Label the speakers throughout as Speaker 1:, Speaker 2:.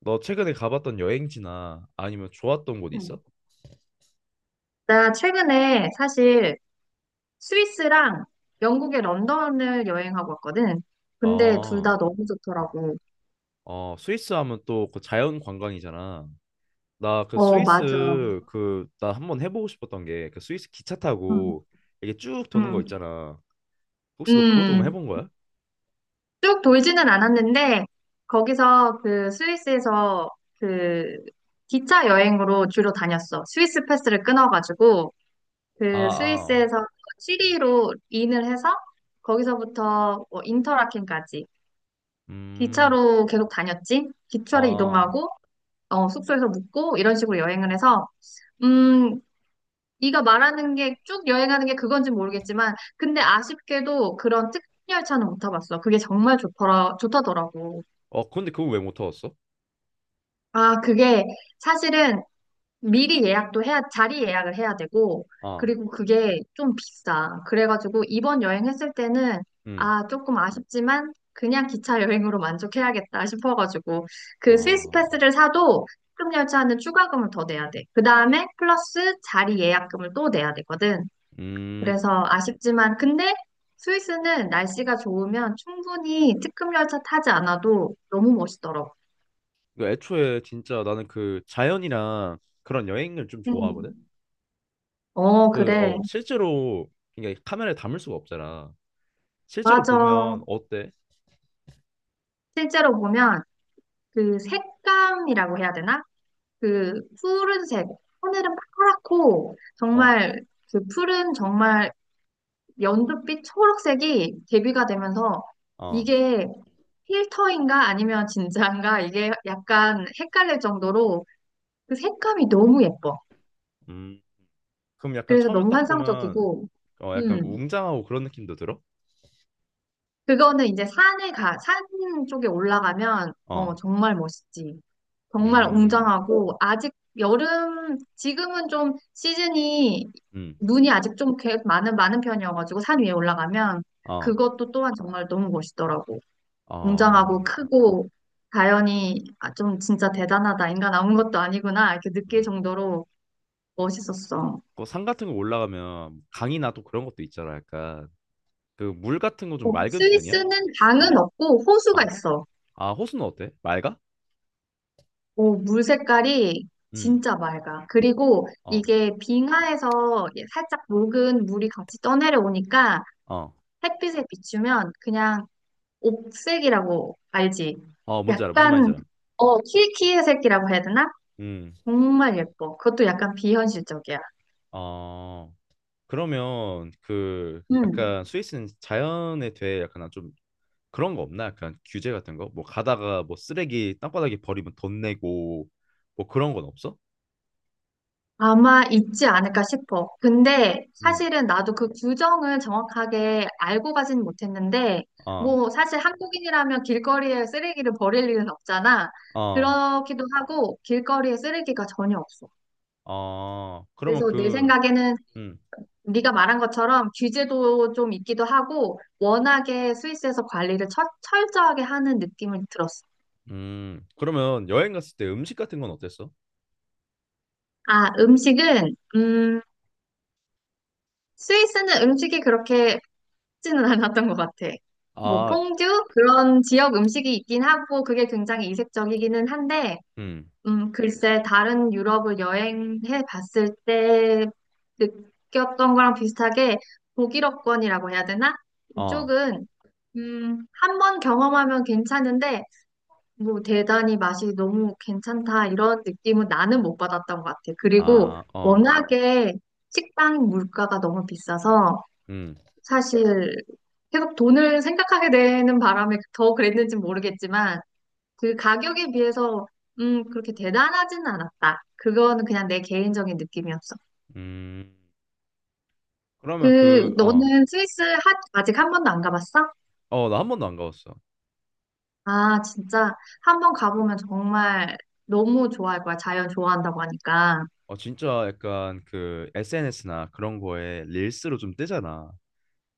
Speaker 1: 너 최근에 가봤던 여행지나 아니면 좋았던 곳
Speaker 2: 음.
Speaker 1: 있어?
Speaker 2: 나 최근에 사실 스위스랑 영국의 런던을 여행하고 왔거든. 근데 둘
Speaker 1: 아,
Speaker 2: 다 너무 좋더라고.
Speaker 1: 어, 스위스 하면 또 그 자연 관광이잖아. 나 그
Speaker 2: 어, 맞아.
Speaker 1: 스위스 그 나 한번 해보고 싶었던 게 그 스위스 기차
Speaker 2: 음,
Speaker 1: 타고 이게 쭉 도는 거
Speaker 2: 음,
Speaker 1: 있잖아. 혹시 너 그것도 한번
Speaker 2: 음.
Speaker 1: 해본 거야?
Speaker 2: 쭉 돌지는 않았는데, 거기서 그 스위스에서 그 기차 여행으로 주로 다녔어. 스위스 패스를 끊어가지고,
Speaker 1: 아,
Speaker 2: 그
Speaker 1: 아,
Speaker 2: 스위스에서 취리로 인을 해서, 거기서부터 뭐 인터라켄까지
Speaker 1: 음,
Speaker 2: 기차로 계속 다녔지. 기차로
Speaker 1: 아,
Speaker 2: 이동하고, 숙소에서 묵고 이런 식으로 여행을 해서 음, 네가 말하는 게 쭉 여행하는 게 그건지 모르겠지만 근데 아쉽게도 그런 특별 열차는 못 타봤어. 그게 정말 좋더라, 좋다더라고.
Speaker 1: 어, 근데 그거 왜 못 타봤어?
Speaker 2: 아, 그게 사실은 미리 예약도 해야, 자리 예약을 해야 되고,
Speaker 1: 아,
Speaker 2: 그리고 그게 좀 비싸. 그래가지고 이번 여행했을 때는,
Speaker 1: 음,
Speaker 2: 아, 조금 아쉽지만, 그냥 기차 여행으로 만족해야겠다 싶어가지고, 그 스위스
Speaker 1: 아,
Speaker 2: 패스를 사도 특급 열차는 추가금을 더 내야 돼. 그 다음에 플러스 자리 예약금을 또 내야 되거든.
Speaker 1: 음.
Speaker 2: 그래서 아쉽지만, 근데 스위스는 날씨가 좋으면 충분히 특급 열차 타지 않아도 너무 멋있더라고.
Speaker 1: 그 애초에 진짜 나는 그 자연이랑 그런 여행을 좀 좋아하거든.
Speaker 2: 음. 어,
Speaker 1: 그,
Speaker 2: 그래.
Speaker 1: 어, 실제로, 이게 카메라에 담을 수가 없잖아. 실제로
Speaker 2: 맞아.
Speaker 1: 보면, 어때?
Speaker 2: 실제로 보면 그 색감이라고 해야 되나? 그 푸른색, 하늘은 파랗고
Speaker 1: 어,
Speaker 2: 정말 그 푸른 정말 연두빛 초록색이 대비가 되면서
Speaker 1: 어,
Speaker 2: 이게 필터인가 아니면 진짜인가 이게 약간 헷갈릴 정도로 그 색감이 너무 예뻐.
Speaker 1: 음. 그럼 약간
Speaker 2: 그래서
Speaker 1: 처음에
Speaker 2: 너무
Speaker 1: 딱 보면,
Speaker 2: 환상적이고,
Speaker 1: 어, 약간
Speaker 2: 음,
Speaker 1: 웅장하고 그런 느낌도 들어?
Speaker 2: 그거는 이제 산에 가, 산 쪽에 올라가면
Speaker 1: 어,
Speaker 2: 정말 멋있지. 정말
Speaker 1: 음,
Speaker 2: 웅장하고 아직 여름 지금은 좀 시즌이
Speaker 1: 음,
Speaker 2: 눈이 아직 좀 많은 편이어가지고 산 위에 올라가면
Speaker 1: 어,
Speaker 2: 그것도 또한 정말 너무 멋있더라고. 웅장하고
Speaker 1: 어,
Speaker 2: 크고 자연이 좀 진짜 대단하다. 인간 아무 것도 아니구나. 이렇게 느낄
Speaker 1: 음.
Speaker 2: 정도로 멋있었어.
Speaker 1: 그산 같은 거 올라가면, 강이나 또 그런 것도 있잖아, 약간. 그 물 같은 거 좀
Speaker 2: 어,
Speaker 1: 맑은 편이야?
Speaker 2: 스위스는
Speaker 1: 어,
Speaker 2: 강은 없고 호수가
Speaker 1: 어.
Speaker 2: 있어.
Speaker 1: 아, 호수는 어때? 맑아?
Speaker 2: 어, 물 색깔이
Speaker 1: 음,
Speaker 2: 진짜 맑아. 그리고
Speaker 1: 어,
Speaker 2: 이게 빙하에서 살짝 녹은 물이 같이 떠내려오니까
Speaker 1: 어,
Speaker 2: 햇빛에 비추면 그냥 옥색이라고 알지?
Speaker 1: 어, 뭔지 알아. 무슨 말인지
Speaker 2: 약간
Speaker 1: 알아.
Speaker 2: 키키의 색이라고 해야 되나?
Speaker 1: 음,
Speaker 2: 정말 예뻐. 그것도 약간 비현실적이야.
Speaker 1: 어. 그러면 그
Speaker 2: 음.
Speaker 1: 약간 스위스는 자연에 대해 약간 좀 그런 거 없나? 약간 규제 같은 거? 뭐 가다가 뭐 쓰레기 땅바닥에 버리면 돈 내고 뭐 그런 건 없어?
Speaker 2: 아마 있지 않을까 싶어. 근데
Speaker 1: 음.
Speaker 2: 사실은 나도 그 규정을 정확하게 알고 가진 못했는데,
Speaker 1: 아,
Speaker 2: 뭐 사실 한국인이라면 길거리에 쓰레기를 버릴 일은 없잖아.
Speaker 1: 아,
Speaker 2: 그렇기도 하고 길거리에 쓰레기가 전혀 없어.
Speaker 1: 아. 그러면
Speaker 2: 그래서 내
Speaker 1: 그,
Speaker 2: 생각에는
Speaker 1: 음,
Speaker 2: 네가 말한 것처럼 규제도 좀 있기도 하고 워낙에 스위스에서 관리를 철저하게 하는 느낌을 들었어.
Speaker 1: 그러면 여행 갔을 때 음식 같은 건 어땠어?
Speaker 2: 아, 음식은 스위스는 음식이 그렇게 쉽지는 않았던 것 같아. 뭐
Speaker 1: 아,
Speaker 2: 퐁듀 그런 지역 음식이 있긴 하고 그게 굉장히 이색적이기는 한데
Speaker 1: 음,
Speaker 2: 글쎄 다른 유럽을 여행해 봤을 때 느꼈던 거랑 비슷하게 독일어권이라고 해야 되나?
Speaker 1: 어,
Speaker 2: 이쪽은 한 번 경험하면 괜찮은데 뭐 대단히 맛이 너무 괜찮다 이런 느낌은 나는 못 받았던 것 같아. 그리고
Speaker 1: 아, 어,
Speaker 2: 워낙에 식당 물가가 너무 비싸서
Speaker 1: 음,
Speaker 2: 사실 계속 돈을 생각하게 되는 바람에 더 그랬는지 모르겠지만 그 가격에 비해서 그렇게 대단하진 않았다. 그거는 그냥 내 개인적인 느낌이었어.
Speaker 1: 음. 그러면
Speaker 2: 그
Speaker 1: 그, 어,
Speaker 2: 너는 스위스 아직 한 번도 안 가봤어?
Speaker 1: 어, 나 한 번도 안 가봤어.
Speaker 2: 아 진짜 한 번 가보면 정말 너무 좋아할 거야. 자연 좋아한다고 하니까.
Speaker 1: 어 진짜 약간 그 SNS나 그런 거에 릴스로 좀 뜨잖아.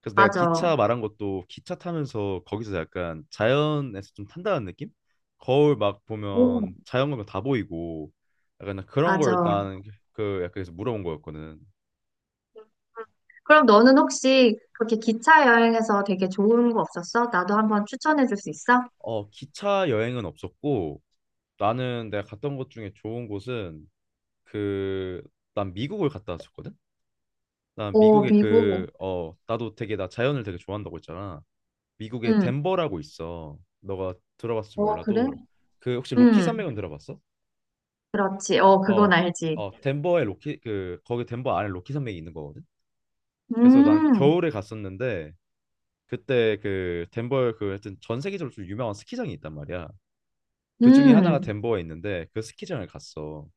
Speaker 1: 그래서 내가
Speaker 2: 맞아.
Speaker 1: 기차 말한 것도 기차 타면서 거기서 약간 자연에서 좀 탄다는 느낌? 거울 막
Speaker 2: 오,
Speaker 1: 보면 자연 보면 다 보이고 약간 그런 걸
Speaker 2: 맞아.
Speaker 1: 나는 그 약간 그래서 물어본 거였거든.
Speaker 2: 그럼 너는 혹시 그렇게 기차 여행에서 되게 좋은 거 없었어? 나도 한번 추천해 줄 수 있어?
Speaker 1: 어 기차 여행은 없었고 나는 내가 갔던 곳 중에 좋은 곳은 그 난 미국을 갔다 왔었거든. 난
Speaker 2: 오,
Speaker 1: 미국의
Speaker 2: 미국.
Speaker 1: 그 어 나도 되게 나 자연을 되게 좋아한다고 했잖아. 미국의
Speaker 2: 응.
Speaker 1: 덴버라고 있어. 너가 들어봤을지
Speaker 2: 어, 그래?
Speaker 1: 몰라도 그 혹시 로키
Speaker 2: 응,
Speaker 1: 산맥은 들어봤어?
Speaker 2: 그렇지. 어, 그건
Speaker 1: 어,
Speaker 2: 알지.
Speaker 1: 어 덴버에 로키 그 거기 덴버 안에 로키 산맥이 있는 거거든. 그래서 난
Speaker 2: 음,
Speaker 1: 겨울에 갔었는데 그때 그 덴버에 그 하여튼 전 세계적으로 좀 유명한 스키장이 있단 말이야. 그 중에 하나가
Speaker 2: 음,
Speaker 1: 덴버에 있는데 그 스키장을 갔어.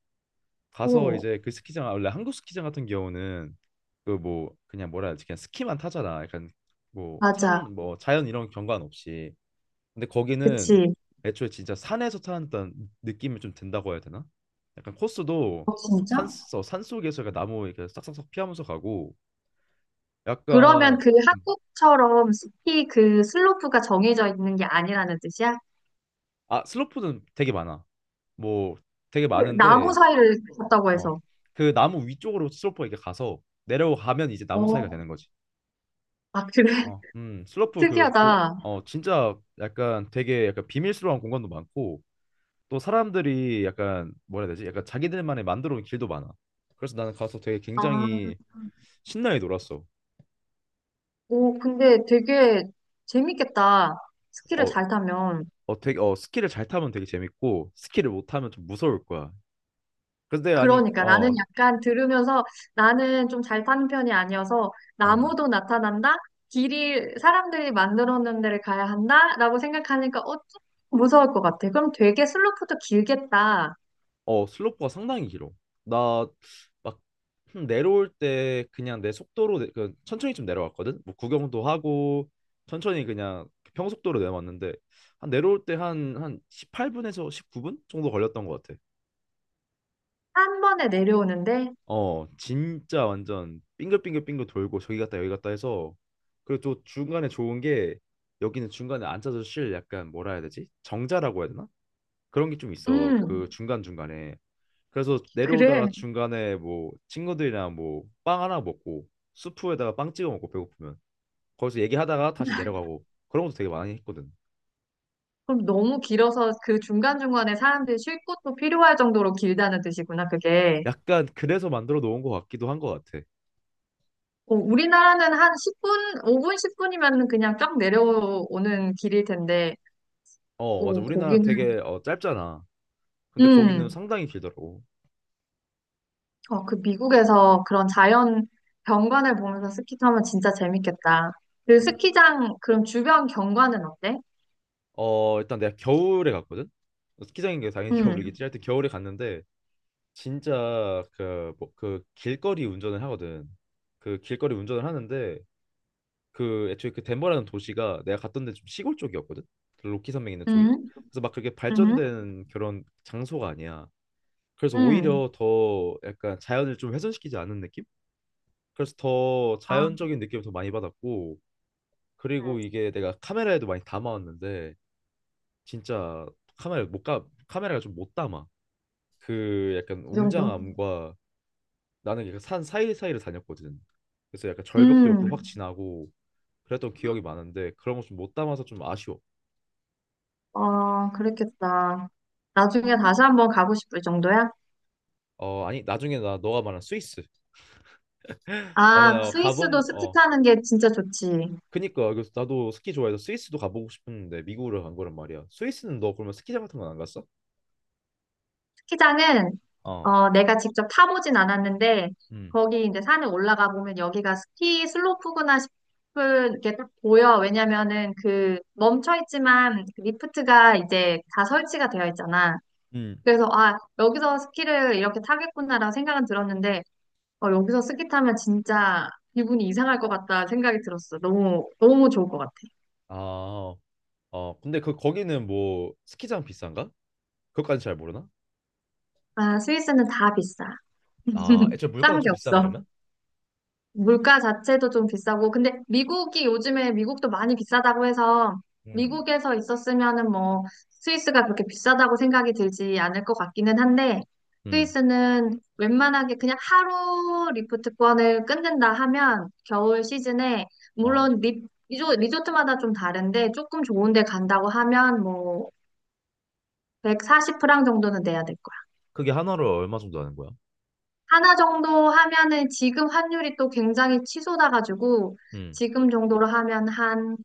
Speaker 1: 가서
Speaker 2: 오,
Speaker 1: 이제 그 스키장 원래 한국 스키장 같은 경우는 그 뭐 그냥 뭐라 해야 되지 그냥 스키만 타잖아. 약간 뭐
Speaker 2: 맞아.
Speaker 1: 산 뭐 자연 이런 경관 없이 근데 거기는
Speaker 2: 그치.
Speaker 1: 애초에 진짜 산에서 타는다 느낌이 좀 든다고 해야 되나? 약간 코스도
Speaker 2: 어,
Speaker 1: 산,
Speaker 2: 진짜?
Speaker 1: 어, 산 속에서 약간 나무 이렇게 싹싹싹 피하면서 가고
Speaker 2: 그러면
Speaker 1: 약간
Speaker 2: 그
Speaker 1: 음.
Speaker 2: 한국처럼 숲히그 슬로프가 정해져 있는 게 아니라는 뜻이야?
Speaker 1: 아 슬로프는 되게 많아. 뭐 되게
Speaker 2: 그 나무
Speaker 1: 많은데
Speaker 2: 사이를 걷다고
Speaker 1: 어
Speaker 2: 해서.
Speaker 1: 그 나무 위쪽으로 슬로프가 이렇게 가서 내려가면 이제 나무 사이가
Speaker 2: 어,
Speaker 1: 되는 거지.
Speaker 2: 아, 그래?
Speaker 1: 어, 슬로프
Speaker 2: 특이하다.
Speaker 1: 어, 진짜 약간 되게 약간 비밀스러운 공간도 많고 또 사람들이 약간 뭐라 해야 되지? 약간 자기들만의 만들어 온 길도 많아. 그래서 나는 가서 되게
Speaker 2: 아,
Speaker 1: 굉장히 신나게 놀았어.
Speaker 2: 오, 근데 되게 재밌겠다. 스키를
Speaker 1: 어,
Speaker 2: 잘 타면.
Speaker 1: 어, 되게, 어, 스키를 잘 타면 되게 재밌고, 스키를 못 타면 좀 무서울 거야. 근데 아니,
Speaker 2: 그러니까 나는
Speaker 1: 어,
Speaker 2: 약간 들으면서 나는 좀 잘 타는 편이 아니어서
Speaker 1: 음,
Speaker 2: 나무도 나타난다? 길이 사람들이 만들어 놓은 데를 가야 한다? 라고 생각하니까 좀 무서울 것 같아. 그럼 되게 슬로프도 길겠다.
Speaker 1: 어, 슬로프가 상당히 길어. 나 막 내려올 때 그냥 내 속도로 그 천천히 좀 내려왔거든. 뭐 구경도 하고 천천히 그냥 평속도로 내려왔는데 한 내려올 때 한 18분에서 19분 정도 걸렸던 것 같아.
Speaker 2: 한 번에 내려오는데?
Speaker 1: 어, 진짜 완전 빙글빙글빙글 돌고 저기 갔다 여기 갔다 해서 그리고 또 중간에 좋은 게 여기는 중간에 앉아서 쉴 약간 뭐라 해야 되지? 정자라고 해야 되나? 그런 게 좀 있어. 그
Speaker 2: 음,
Speaker 1: 중간중간에. 그래서 내려오다가
Speaker 2: 그래.
Speaker 1: 중간에 뭐 친구들이랑 뭐 빵 하나 먹고 수프에다가 빵 찍어 먹고 배고프면 거기서 얘기하다가 다시 내려가고 그런 것도 되게 많이 했거든.
Speaker 2: 그럼 너무 길어서 그 중간중간에 사람들이 쉴 곳도 필요할 정도로 길다는 뜻이구나, 그게.
Speaker 1: 약간 그래서 만들어 놓은 것 같기도 한 것 같아.
Speaker 2: 어, 우리나라는 한 10분, 5분, 10분이면 그냥 쫙 내려오는 길일 텐데,
Speaker 1: 어, 맞아.
Speaker 2: 고
Speaker 1: 우리나라는
Speaker 2: 거기는,
Speaker 1: 되게 어, 짧잖아. 근데 거기는
Speaker 2: 음,
Speaker 1: 상당히 길더라고.
Speaker 2: 그 미국에서 그런 자연 경관을 보면서 스키 타면 진짜 재밌겠다. 그
Speaker 1: 맞아.
Speaker 2: 스키장, 그럼 주변 경관은 어때?
Speaker 1: 어 일단 내가 겨울에 갔거든. 어, 스키장인 게 당연히
Speaker 2: 음,
Speaker 1: 겨울이겠지. 하여튼 겨울에 갔는데 진짜 그 뭐 그 길거리 운전을 하거든. 그 길거리 운전을 하는데 그 애초에 그 덴버라는 도시가 내가 갔던 데 좀 시골 쪽이었거든. 그 로키 산맥 있는 쪽이.
Speaker 2: 음,
Speaker 1: 그래서 막 그렇게
Speaker 2: 음,
Speaker 1: 발전된 그런 장소가 아니야. 그래서
Speaker 2: 음,
Speaker 1: 오히려 더 약간 자연을 좀 훼손시키지 않은 느낌? 그래서 더
Speaker 2: 아,
Speaker 1: 자연적인 느낌을 더 많이 받았고 그리고
Speaker 2: 응.
Speaker 1: 이게 내가 카메라에도 많이 담아왔는데 진짜 카메라가 좀 못 담아 그 약간
Speaker 2: 이 정도?
Speaker 1: 웅장함과 나는 약간 산 사이사이를 다녔거든 그래서 약간 절벽도 옆으로 확
Speaker 2: 음,
Speaker 1: 지나고 그랬던 기억이 많은데 그런 거 좀 못 담아서 좀 아쉬워
Speaker 2: 그랬겠다. 나중에 다시 한번 가고 싶을 정도야?
Speaker 1: 어 아니 나중에 나 너가 말한 스위스 나는
Speaker 2: 아,
Speaker 1: 어,
Speaker 2: 스위스도
Speaker 1: 가본
Speaker 2: 스키
Speaker 1: 어
Speaker 2: 타는 게 진짜 좋지.
Speaker 1: 그니까 그래서 나도 스키 좋아해서 스위스도 가보고 싶었는데 미국으로 간 거란 말이야. 스위스는 너 그러면 스키장 같은 건 안 갔어?
Speaker 2: 스키장은
Speaker 1: 어
Speaker 2: 내가 직접 타보진 않았는데
Speaker 1: 음.
Speaker 2: 거기 이제 산에 올라가 보면 여기가 스키 슬로프구나 싶은 게 딱 보여. 왜냐면은 그 멈춰 있지만 그 리프트가 이제 다 설치가 되어 있잖아.
Speaker 1: 음.
Speaker 2: 그래서 여기서 스키를 이렇게 타겠구나라고 생각은 들었는데 어, 여기서 스키 타면 진짜 기분이 이상할 것 같다 생각이 들었어. 너무 너무 좋을 것 같아.
Speaker 1: 아, 어, 근데 그 거기는 뭐 스키장 비싼가? 그것까지 잘 모르나?
Speaker 2: 아 스위스는 다 비싸.
Speaker 1: 아, 애초에 물가도
Speaker 2: 싼 게
Speaker 1: 좀 비싸
Speaker 2: 없어.
Speaker 1: 그러면?
Speaker 2: 물가 자체도 좀 비싸고, 근데 미국이 요즘에 미국도 많이 비싸다고 해서
Speaker 1: 음.
Speaker 2: 미국에서 있었으면은 뭐 스위스가 그렇게 비싸다고 생각이 들지 않을 것 같기는 한데
Speaker 1: 음,
Speaker 2: 스위스는 웬만하게 그냥 하루 리프트권을 끊는다 하면 겨울 시즌에
Speaker 1: 어.
Speaker 2: 물론 리조트마다 좀 다른데 조금 좋은 데 간다고 하면 뭐 140프랑 정도는 내야 될 거예요.
Speaker 1: 그게 하나로 얼마 정도 하는 거야?
Speaker 2: 하나 정도 하면은 지금 환율이 또 굉장히 치솟아가지고
Speaker 1: 음,
Speaker 2: 지금 정도로 하면 한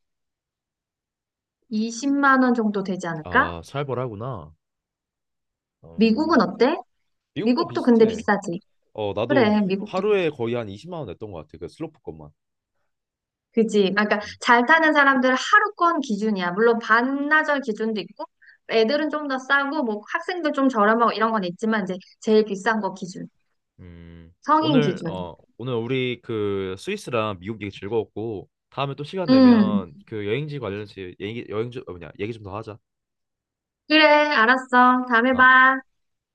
Speaker 2: 20만 원 정도 되지 않을까?
Speaker 1: 아, 살벌하구나.
Speaker 2: 미국은
Speaker 1: 음,
Speaker 2: 어때?
Speaker 1: 미국도
Speaker 2: 미국도 근데
Speaker 1: 비슷해.
Speaker 2: 비싸지.
Speaker 1: 어, 나도
Speaker 2: 그래, 미국도.
Speaker 1: 하루에 거의 한 20만 원 냈던 것 같아. 그 슬로프 것만.
Speaker 2: 그지. 아, 그러니까
Speaker 1: 음,
Speaker 2: 잘 타는 사람들은 하루권 기준이야. 물론 반나절 기준도 있고 애들은 좀 더 싸고 뭐 학생들 좀 저렴하고 이런 건 있지만 이제 제일 비싼 거 기준.
Speaker 1: 음,
Speaker 2: 성인
Speaker 1: 오늘,
Speaker 2: 기준.
Speaker 1: 어, 오늘 우리 그 스위스랑 미국 얘기 즐거웠고, 다음에 또 시간 내
Speaker 2: 음.
Speaker 1: 면 그 여행지 관련해서 얘기, 여행지, 어, 뭐냐, 얘기 좀 더 하자.
Speaker 2: 그래, 알았어. 다음에
Speaker 1: 아,
Speaker 2: 봐.